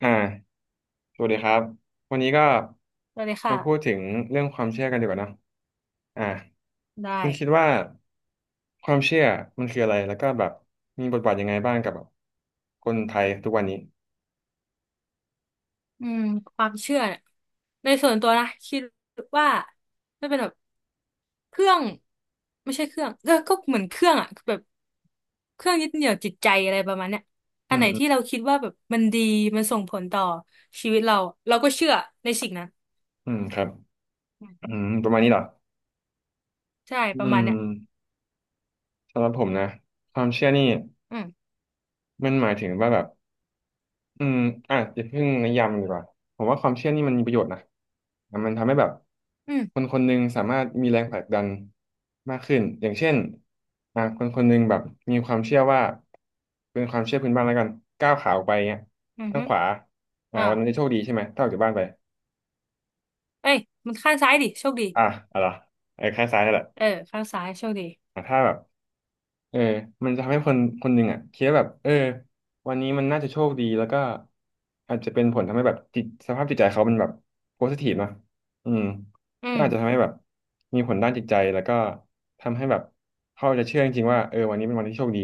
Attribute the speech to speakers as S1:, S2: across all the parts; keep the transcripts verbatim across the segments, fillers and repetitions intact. S1: อ่าสวัสดีครับ วันนี้ก็
S2: ได้เลยค่ะ
S1: มาพูดถึงเรื่องความเชื่อกันดีกว่าเนอะอ่า
S2: ได้
S1: คุณคิดว่าความเชื่อมันคืออะไร แล้วก็แบบมีบทบาทยังไงบ้างกับแบบคนไทยทุกวันนี้
S2: อืมความเชื่อเนี่ยในส่วนตัวนะคิดว่าไม่เป็นแบบเครื่องไม่ใช่เครื่องก็ก็เหมือนเครื่องอะแบบเครื่องยึดเหนี่ยวจิตใจอะไรประมาณเนี้ย
S1: อื
S2: อันไห
S1: ม
S2: น
S1: อืม
S2: ที่เราคิดว่าแบบมันดีมันส่งผลต่อชีวิตเราเราก็เชื่อในสิ่งนั้น
S1: อืมครับ
S2: อืม
S1: อืมประมาณนี้เหรอ
S2: ใช่ประ
S1: อื
S2: มาณ
S1: ม
S2: เนี้ย
S1: สำหรับผมนะ ความเชื่อนี่
S2: อืม
S1: มันหมายถึงว่าแบบ อืมอ่ะอย่าเพิ่งนิยามมันดีกว่าผมว่าความเชื่อนี่มันมีประโยชน์นะอ่ะมันทำให้แบบ
S2: อืม
S1: คนคนหนึ่งสามารถมีแรงผลักดันมากขึ้นอย่างเช่นอ่ะคนคนหนึ่งแบบมีความเชื่อว่าเป็นความเชื่อพื้นบ้านแล้วกันก้าวขาออกไปเงี้ย
S2: อือ
S1: ข้าง
S2: ฮึ
S1: ขวาอ่ะ
S2: อ่า
S1: วันนั้นจะโชคดีใช่ไหมถ้าออกจากบ้านไป
S2: เอ้ยมันข้างซ้ายดิโชคดี
S1: อ่ะอะไรอไอ้ข้างซ้ายนั่นแห
S2: เอ
S1: ละ
S2: อข้างซ้ายโชคดี
S1: อ่ะถ้าแบบ เออมันจะทำให้คนคนหนึ่งอ่ะคิดว่าแบบเออวันนี้มันน่าจะโชคดีแล้วก็อาจจะเป็นผลทำให้แบบจิตสภาพจิตใจเขามันแบบโพสิทีฟเนอะอืม
S2: อื
S1: ก็
S2: ม
S1: อาจจะทำให้แบบมีผลด้านจิตใจแล้วก็ทำให้แบบเขาจะเชื่อจริงๆว่าเออวันนี้เป็นวันที่โชคดี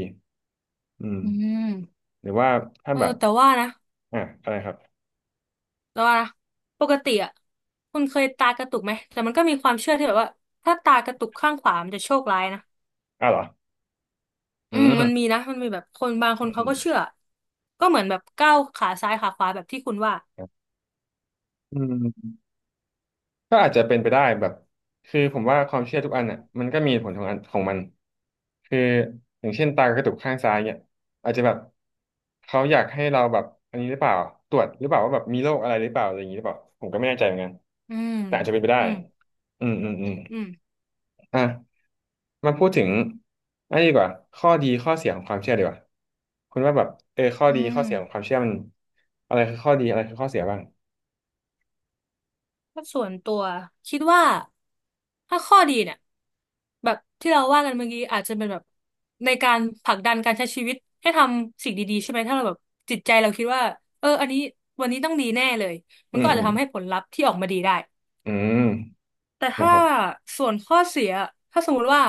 S1: อืม
S2: อืม
S1: หรือว่าถ้า
S2: เออ
S1: แบบ
S2: แต่ว่านะ
S1: อ่ะอะไรครับ
S2: แล้วว่านะปกติอ่ะคุณเคยตากระตุกไหมแต่มันก็มีความเชื่อที่แบบว่าถ้าตากระตุกข้างขวามันจะโชคร้ายนะ
S1: อ่ะเหรออื
S2: อืมมันมี
S1: ม
S2: นะมันมีแบบคนบางค
S1: อื
S2: น
S1: ม
S2: เขาก็เชื่อก็เหมือนแบบก้าวขาซ้ายขาขวาแบบที่คุณว่า
S1: อืมอืม ก็อาจจะเป็นไปได้แบบคือผมว่าความเชื่อทุกอันอ่ะมันก็มีเหตุผลของอันของมันคืออย่างเช่นตากระตุกข้างซ้ายเนี่ยอาจจะแบบเขาอยากให้เราแบบอันนี้หรือเปล่าตรวจหรือเปล่าว่าแบบมีโรคอะไรหรือเปล่าอะไรอย่างนี้หรือเปล่าผมก็ไม่แน่ใจเหมือนกัน
S2: อืม
S1: แต่อาจจะเป็นไปได้
S2: อืม
S1: อืมอืมอืม
S2: อืม
S1: อ่ะมาพูดถึงอันนี้ดีกว่าข้อดีข้อเสียของความเชื่อดีกว่าคุณว่าแบบเออข้อ
S2: อื
S1: ดีข้
S2: ม
S1: อเสียของความเชื่อมันอะไรคือข้อดีอะไรคือข้อเสียบ้าง
S2: ถ้าส่วนตัวคิดว่าถ้าข้อดีเนี่ยแบบที่เราว่ากันเมื่อกี้อาจจะเป็นแบบในการผลักดันการใช้ชีวิตให้ทำสิ่งดีๆใช่ไหมถ้าเราแบบจิตใจเราคิดว่าเอออันนี้วันนี้ต้องดีแน่เลย
S1: อื
S2: มัน
S1: ม
S2: ก็อาจ
S1: อื
S2: จะ
S1: ม
S2: ทำให้ผลลัพธ์ที่ออกมาดีได้
S1: อืม
S2: แต่
S1: นะ
S2: ถ้า
S1: ครับ
S2: ส่วนข้อเสียถ้าสมมติว่า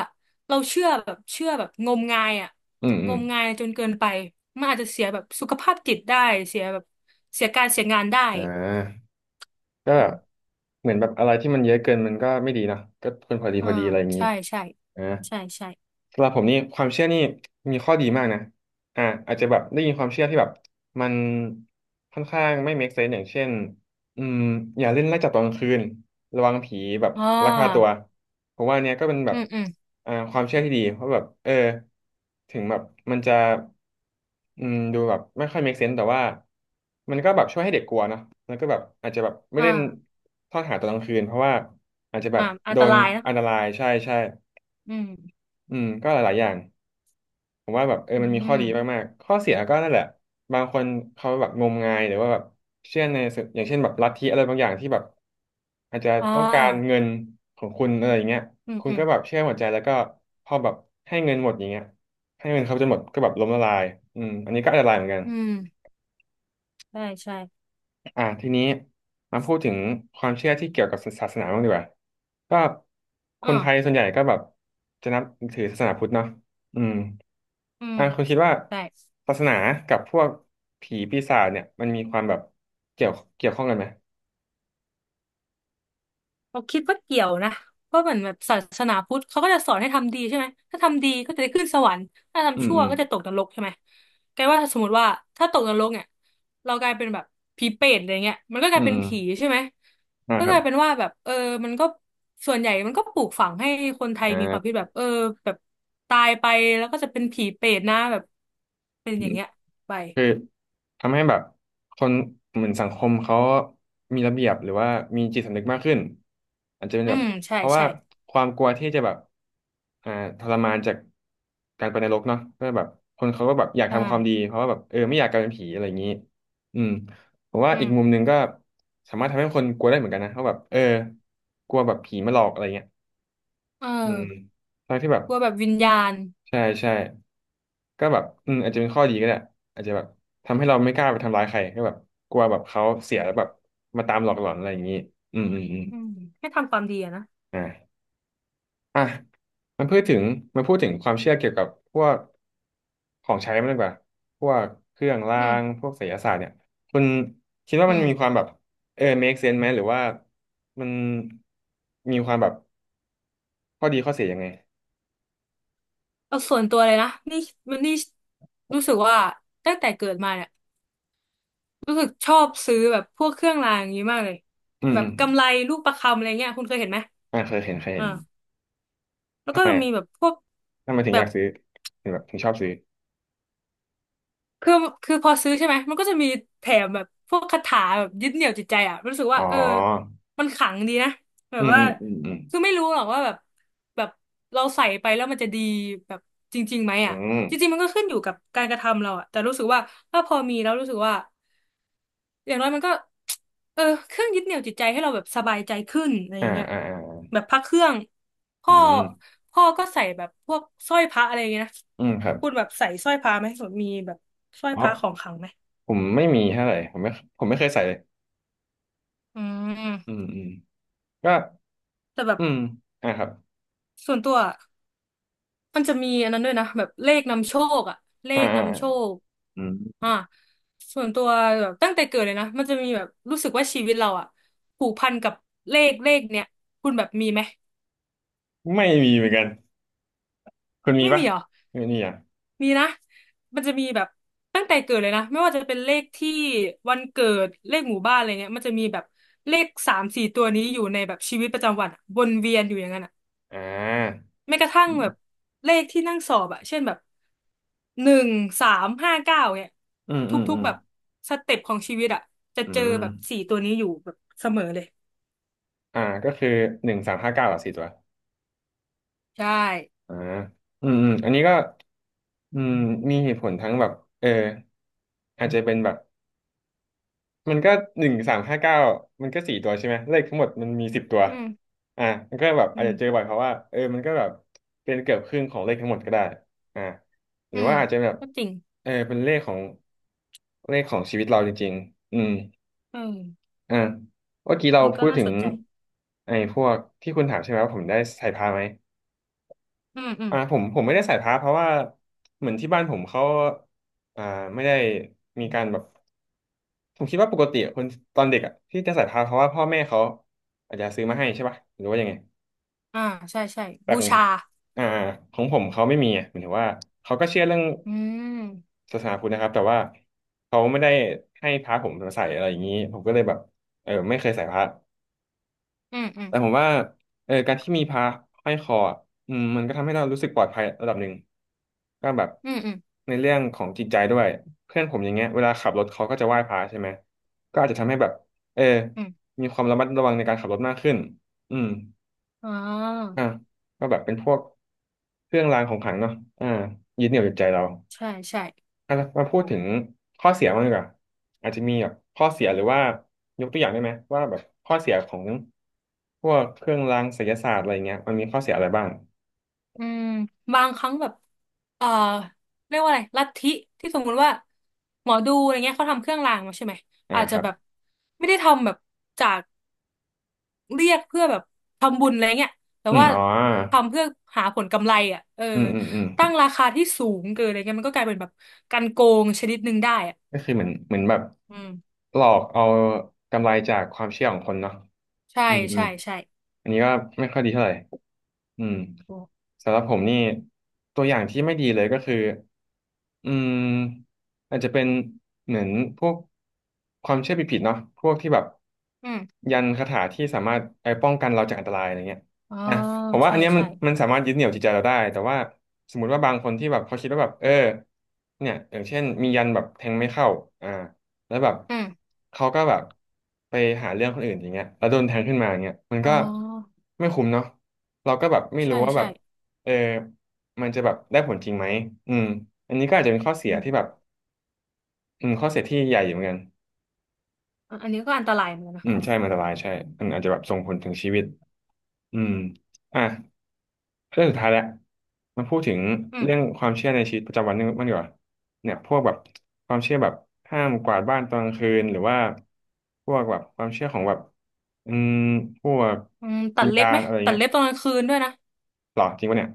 S2: เราเชื่อแบบเชื่อแบบงมงายอ่ะ
S1: อืมอื
S2: ง
S1: ม
S2: มงายจนเกินไปมันอาจจะเสียแบบสุขภาพจิตได้เสียแบบเสียการเสียงานได้
S1: อ่าก็
S2: อืม
S1: เหมือนแบบอะไรที่มันเยอะเกินมันก็ไม่ดีเนอะก็ควรพอดี
S2: อ่า
S1: พอดีอะไรอย่างนี้
S2: ใช่ใช่
S1: อ่า
S2: ใช่ใช่
S1: สำหรับผมนี่ความเชื่อนี่มีข้อดีมากนะอ่าอาจจะแบบได้ยินความเชื่อที่แบบมันค่อนข้างไม่ make sense อย่างเช่นอืมอย่าเล่นไล่จับตอนกลางคืนระวังผีแบบ
S2: อ่
S1: ลักพาตัว
S2: า
S1: ผมว่าอันเนี้ยก็เป็นแบ
S2: อื
S1: บ
S2: มอืม
S1: อ่าความเชื่อที่ดีเพราะแบบเออถึงแบบมันจะอืมดูแบบไม่ค่อย make sense แต่ว่ามันก็แบบช่วยให้เด็กกลัวเนอะแล้วก็แบบอาจจะแบบไม่
S2: อ่า
S1: เล่นทอดหาตอนกลางคืนเพราะว่าอาจจะแบ
S2: อ่า
S1: บ
S2: อัน
S1: โด
S2: ต
S1: น
S2: รายนะ
S1: อันตรายใช่ใช่
S2: อืม
S1: อืมก็หลายๆอย่าง ผมว่าแบบเออ
S2: อื
S1: มันมีข้อดี
S2: ม
S1: มากๆข้อเสียก็นั่นแหละบางคนเขาแบบงมงายหรือว่าแบบเชื่อในสิ่งอย่างเช่นแบบลัทธิอะไรบางอย่างที่แบบอาจจะ
S2: อ่
S1: ต้องการ
S2: า
S1: เงินของคุณอะไรอย่างเงี้ย
S2: อืม
S1: คุณ
S2: อืม
S1: ก็แบบเชื่อหมดใจแล้วก็พอแบบให้เงินหมดอย่างเงี้ยให้เงินเขาจนหมดก็แบบล้มละลายอืมอันนี้ก็อันตรายเหมือนกัน
S2: อืมใช่ใช่
S1: อ่าทีนี้มาพูดถึงความเชื่อที่เกี่ยวกับศาสนาบ้างดีกว่าก็คนไทย
S2: อ่า
S1: ส่วนใหญ่ก็แบบจะนับถือศาสนาพุทธเนาะอืม
S2: อืม
S1: อ่าคุณคิดว่า
S2: ได้
S1: ศาสนากับพวกผีปีศาจเนี่ยมันมีความแบบเกี่ยวเกี่ยวข้องกันไหม
S2: เราคิดว่าเกี่ยวนะเพราะเหมือนแบบศาสนาพุทธเขาก็จะสอนให้ทำดีใช่ไหมถ้าทำดีก็จะได้ขึ้นสวรรค์ถ้า
S1: อื
S2: ทำ
S1: ม
S2: ชั่ว
S1: อืม
S2: ก็จะตกนรกใช่ไหมแกว่าสมมติว่าถ้าตกนรกเนี่ยเรากลายเป็นแบบผีเปรตอะไรเงี้ยมันก็ก
S1: อื
S2: ลาย
S1: ม
S2: เป็น
S1: อืม
S2: ผีใช่ไหม
S1: อ่า
S2: ก็
S1: ครั
S2: ก
S1: บ
S2: ลายเป็นว่าแบบเออมันก็ส่วนใหญ่มันก็ปลูกฝังให้คนไทย
S1: อ่
S2: มีความคิ
S1: า
S2: ดแบบเออแบบตายไปแล้วก็จะเป็นผีเปรตนะแบบเป็นอย่างเงี้ยไป
S1: คือทำให้แบบคนเหมือนสังคมเขามีระเบียบหรือว่ามีจิตสำนึกมากขึ้นอาจจะเป็น
S2: อื
S1: แบบ
S2: มใช่
S1: เพราะว่า
S2: ใช่
S1: ความกลัวที่จะแบบอ่าทรมานจากการไปนรกเนาะก็แบบคนเขาก็แบบอยาก
S2: ใช่
S1: ทำความดีเพราะว่าแบบเออไม่อยากกลายเป็นผีอะไรอย่างนี้อืมผมว่า
S2: อื
S1: อีกมุม
S2: ม
S1: หนึ่งก็สามารถทำให้คนกลัวได้เหมือนกันนะเพราะแบบเออกลัวแบบผีมาหลอกอะไรเงี้ย
S2: เอ
S1: อืม
S2: อ
S1: ทางที่แบบ
S2: กลัวแบบวิญญาณ
S1: ใช่ใช่ ก็แบบอืมอาจจะเป็นข้อดีก็ได้อาจจะแบบทำให้เราไม่กล้าไปทำร้ายใครก็แบบกลัวแบบเขาเสียแล้วแบบมาตามหลอกหลอนอะไรอย่างนี้อืมอืมอืม
S2: อืมให้ทำความดีอะนะ
S1: อ่าอ่ะมันพูดถึงมันพูดถึงความเชื่อเกี่ยวกับพวกของใช้มันดีกว่า พวกเครื่องรา
S2: อืม
S1: ง พวกไสยศาสตร์เนี่ย คุณคิดว่า
S2: อื
S1: มัน
S2: ม
S1: มีความแบบเออ make sense ไหมหรือว่ามันมีความแบบข้อดีข้อเสียยังไง
S2: เอาส่วนตัวเลยนะนี่มันนี่รู้สึกว่าตั้งแต่เกิดมาเนี่ยรู้สึกชอบซื้อแบบพวกเครื่องรางอย่างนี้มากเลย
S1: อืม
S2: แบ
S1: อื
S2: บกำ
S1: ม
S2: ไรลูกประคำอะไรเงี้ยคุณเคยเห็นไหม
S1: อ่าเคยเห็นเคยเห็น
S2: อ่าแล้ว
S1: ทำ
S2: ก็
S1: ไม
S2: จะ
S1: อะ
S2: มีแบบพวก
S1: ทำไมถึง
S2: แบ
S1: อยา
S2: บ
S1: กซื้อ ถึงแบบถึงชอบซื้อ
S2: คือคือพอซื้อใช่ไหมมันก็จะมีแถมแบบพวกคาถาแบบยึดเหนี่ยวจิตใจอ่ะรู้สึก
S1: อ๋
S2: ว่า
S1: อ
S2: เออมันขลังดีนะแบ
S1: อื
S2: บ
S1: ม
S2: ว่า
S1: อืมอืมอืม
S2: คือไม่รู้หรอกว่าแบบแบบเราใส่ไปแล้วมันจะดีแบบจริงๆไหม
S1: อื
S2: อ่ะ
S1: ม
S2: จริงๆมันก็ขึ้นอยู่กับการกระทำเราอะแต่รู้สึกว่าถ้าพอมีแล้วรู้สึกว่าอย่างน้อยมันก็เออเครื่องยึดเหนี่ยวจิตใจให้เราแบบสบายใจขึ้นอะไรอ
S1: อ่า
S2: ย่างเงี้ย
S1: อ่าอ่า
S2: แบบพระเครื่อง
S1: อื
S2: พ่อ
S1: ม
S2: พ่อก็ใส่แบบพวกสร้อยพระอะไรอย่างเงี้ยนะ
S1: อืมครับ
S2: คุณแบบใส่สร้อยพระไหมแบบมีแบบสร้อย
S1: อ๋อ
S2: พระของขลังไหม
S1: ผมไม่มีเท่าไหร่ผมไม่ผมไม่เคยใส่เลย
S2: อื
S1: อื
S2: ม
S1: มอืมก็
S2: แต่แบบ
S1: อืมอ่าครับ
S2: ส่วนตัว มันจะมีอันนั้นด้วยนะแบบเลขนำโชคอะเล
S1: อ่า
S2: ข
S1: อ่า
S2: นำโชค
S1: อืม
S2: อ่าส่วนตัวแบบตั้งแต่เกิดเลยนะมันจะมีแบบรู้สึกว่าชีวิตเราอะผูกพันกับเลขเลขเนี้ยคุณแบบมีไหม
S1: ไม่มีเหมือนกันคุณมี
S2: ไม่
S1: ปะ
S2: มีเหรอ
S1: ไม่มีอ่ะ
S2: มีนะมันจะมีแบบตั้งแต่เกิดเลยนะไม่ว่าจะเป็นเลขที่วันเกิดเลขหมู่บ้านอะไรเงี้ยมันจะมีแบบเลขสามสี่ตัวนี้อยู่ในแบบชีวิตประจำวันอะวนเวียนอยู่อย่างนั้นอะ
S1: อ่า
S2: แม้กระทั่
S1: อื
S2: งแบบ
S1: ม
S2: เลขที่นั่งสอบอะเช่นแบบหนึ่งสามห้าเก้าเนี่ย
S1: อืม
S2: ท
S1: อืม
S2: ุ
S1: อื
S2: ก
S1: ม
S2: ๆแบบสเต็ปของชีวิตอะจะ
S1: อื
S2: เจอ
S1: ม
S2: แบบสี่ตัวนี้อยู่แบบเสมอเลย
S1: อ่าก็คือหนึ่งสามห้าเก้าอ่ะสี่ตัว
S2: ใช่
S1: อ่าอืมอืมอันนี้ก็อืมมีเหตุผลทั้งแบบเอออาจจะเป็นแบบ มันก็หนึ่งสามห้าเก้ามันก็สี่ตัวใช่ไหมเลขทั้งหมดมันมีสิบตัว
S2: อืม
S1: อ่ามันก็แบบ
S2: อื
S1: อาจ
S2: ม
S1: จะเจอบ่อยเพราะว่าเออมันก็แบบเป็นเกือบครึ่งของเลขทั้งหมดก็ได้อ่าห
S2: อื
S1: รือ
S2: ม
S1: ว่าอาจจะแบบ
S2: ก็จริง
S1: เออเป็นเลขของเลขของชีวิตเราจริงๆอืม
S2: เออ
S1: อ่าเมื่อกี้เรา
S2: นี่
S1: พู
S2: ก็
S1: ด
S2: น่า
S1: ถึ
S2: ส
S1: ง
S2: นใจ
S1: ไอ้พวกที่คุณถามใช่ไหมว่าผมได้ใส่พระไหม
S2: อืมอืม
S1: อ่าผมผมไม่ได้ใส่พระเพราะว่าเหมือนที่บ้านผมเขาอ่าไม่ได้มีการแบบ ผมคิดว่าปกติคนตอนเด็กอ่ะที่จะใส่พานเพราะว่าพ่อแม่เขาอาจจะซื้อมาให้ใช่ป่ะหรือว่ายังไง
S2: อ่าใช่ใช่
S1: แต่
S2: บู
S1: ของ
S2: ชา
S1: อ่าของผมเขาไม่มีอ่ะหมายถึงว่าเขาก็เชื่อเรื่อง
S2: อืม
S1: ศาสนาพุทธนะครับแต่ว่าเขาไม่ได้ให้พระผมใส่อะไรอย่างนี้ผมก็เลยแบบเออไม่เคยใส่พระ
S2: อืมอืม
S1: แต่ผมว่าเออการที่มีพระห้อยคออะอืมมันก็ทำให้เรารู้สึกปลอดภัยระดับหนึ่งก็แบบ
S2: อืมอืม
S1: ในเรื่องของจิตใจด้วยเพื่อนผมอย่างเงี้ยเวลาขับรถเขาก็จะไหว้พระใช่ไหมก็อาจจะทำให้แบบเออ
S2: อืม
S1: มีความระมัดระวังในการขับรถมากขึ้นอืม
S2: อ๋อ
S1: อ่ะก็แบบเป็นพวกเครื่องรางของขลังเนาะอ่ายึดเหนี่ยวจิตใจเรา
S2: ใช่ใช่
S1: อ่ะมา
S2: โห
S1: พูดถึงข้อเสียบ้างดีกว่าอาจจะมีแบบข้อเสียหรือว่ายกตัวอย่างได้ไหมว่าแบบข้อเสียของพวกเครื่องรางไสยศาสตร์อะไรเงี้ยมันมีข้อเสียอะไรบ้าง
S2: อืมบางครั้งแบบเอ่อเรียกว่าอะไรลัทธิที่สมมุติว่าหมอดูอะไรเงี้ยเขาทำเครื่องรางมาใช่ไหม
S1: อ่า
S2: อาจ
S1: ค
S2: จะ
S1: รับ
S2: แบบไม่ได้ทำแบบจากเรียกเพื่อแบบทำบุญอะไรเงี้ยแต่
S1: อืม
S2: ว่า
S1: อ๋อ
S2: ทำเพื่อหาผลกำไรอ่ะเออ
S1: อืมอืมอืม
S2: ตั้งราคาที่สูงเกินอะไรเงี้ยมันก็กลายเป็นแบบการโกงชนิดหนึ่งได้อ่ะ
S1: ก็คือเหมือนเหมือนแบบ
S2: อืม
S1: หลอกเอากำไรจากความเชื่อของคนเนาะ
S2: ใช่
S1: อืมอื
S2: ใช่
S1: ม
S2: ใช่
S1: อันนี้ก็ไม่ค่อยดีเท่าไหร่อืม
S2: โอ้
S1: สำหรับผมนี่ตัวอย่างที่ไม่ดีเลยก็คือ อืมอาจจะเป็นเหมือนพวกความเชื่อผิดๆเนาะพวกที่แบบ
S2: อืม
S1: ยันคาถาที่สามารถไปป้องกันเราจากอันตรายอะไรเงี้ย
S2: อ๋อ
S1: อ่ะผมว่าอั
S2: ใช่
S1: นเนี้ยมัน
S2: ใช่
S1: มันสามารถยึดเหนี่ยวจิตใจเราได้แต่ว่าสมมุติว่าบางคนที่แบบเขาคิดว่าแบบเออเนี่ยอย่างเช่นมียันแบบแทงไม่เข้าอ่าแล้วแบบ
S2: อืม
S1: เขาก็แบบไปหาเรื่องคนอื่นอย่างเงี้ยแล้วโดนแทงขึ้นมาอย่างเงี้ยมัน
S2: อ๋อ
S1: ก็ไม่คุ้มเนาะเราก็แบบไม่
S2: ใช่
S1: รู้ว่าแบ
S2: ใช่
S1: บเออ มันจะแบบได้ผลจริงไหมอืมอันนี้ก็อาจจะเป็นข้อเสี
S2: อื
S1: ยที่แบบ
S2: ม
S1: อืมข้อเสียที่ใหญ่อยู่เหมือนกัน
S2: อะอันนี้ก็อันตรายเหมือนกันนะ
S1: อืมใช่มันอันตรายใช่มันอาจจะแบบส่งผลถึงชีวิตอืมอ่ะเรื่องสุดท้ายแล้วมาพูดถึง
S2: อืม
S1: เรื่องความเชื่อในชีวิตประจำวันนึงมันดีกว่าเนี่ยพวกแบบความเชื่อแบบห้ามกวาดบ้านตอนกลางคืนหรือว่าพวกแบบความเชื่อของแบบอืมพวก
S2: อืมตั
S1: วิ
S2: ด
S1: ญ
S2: เล็บ
S1: ญา
S2: ไห
S1: ณ
S2: ม
S1: อะไร
S2: ตัด
S1: เงี้ย
S2: เล็บตอนกลางคืนด้วยนะ
S1: หรอจริงปะเนี่ย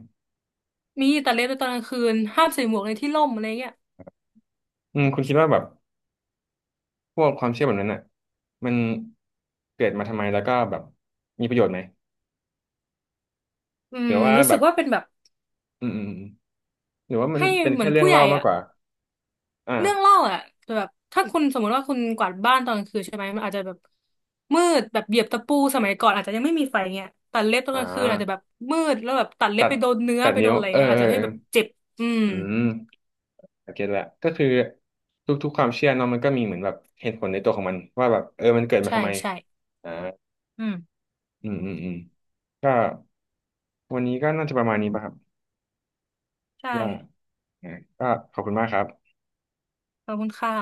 S2: มีตัดเล็บตอนกลางคืนห้ามใส่หมวกในที่ร่มอะไรเงี้ย
S1: อืมคุณคิดว่าแบบพวกความเชื่อแบบนั้นน่ะมันเกิดมาทำไมแล้วก็แบบมีประโยชน์ไหม
S2: อื
S1: หรื
S2: ม
S1: อว่า
S2: รู้
S1: แบ
S2: สึก
S1: บ
S2: ว่าเป็นแบบ
S1: อืมอืมอืมหรือว่ามัน
S2: ให้
S1: เป็น
S2: เหมื
S1: แค่
S2: อน
S1: เรื่อ
S2: ผู้
S1: ง
S2: ให
S1: เล่า
S2: ญ่
S1: มาก
S2: อ่ะ
S1: กว่าอ่า
S2: เรื่องเล่าอ่ะแต่แบบถ้าคุณสมมติว่าคุณกวาดบ้านตอนกลางคืนใช่ไหมมันอาจจะแบบมืดแบบเหยียบตะปูสมัยก่อนอาจจะยังไม่มีไฟเงี้ยตัดเล็บตอน
S1: อ่
S2: กลางคืนอาจจะแบ
S1: า
S2: บมืดแล้วแบบตัดเล็
S1: ตั
S2: บ
S1: ด
S2: ไปโดนเนื้อ
S1: ตัด
S2: ไปโด
S1: นิ้ว
S2: นอะไร
S1: เออ
S2: เงี้ยอา
S1: เอ
S2: จ
S1: อ
S2: จะให้
S1: เอ
S2: แบบ
S1: อ
S2: เจ็บอืม
S1: อืมโอเคละก็คือทุกๆความเชื่อเนาะมันก็มีเหมือนแบบเหตุผลในตัวของมันว่าแบบเออมันเกิดมา
S2: ใช่
S1: ทำไม
S2: ใช่
S1: อ่า
S2: อืม
S1: อืมอืมอืมก็วันนี้ก็น่าจะประมาณนี้ป่ะครับ
S2: ใช่
S1: ว่าอ่าก็ขอบคุณมากครับ
S2: ขอบคุณค่ะ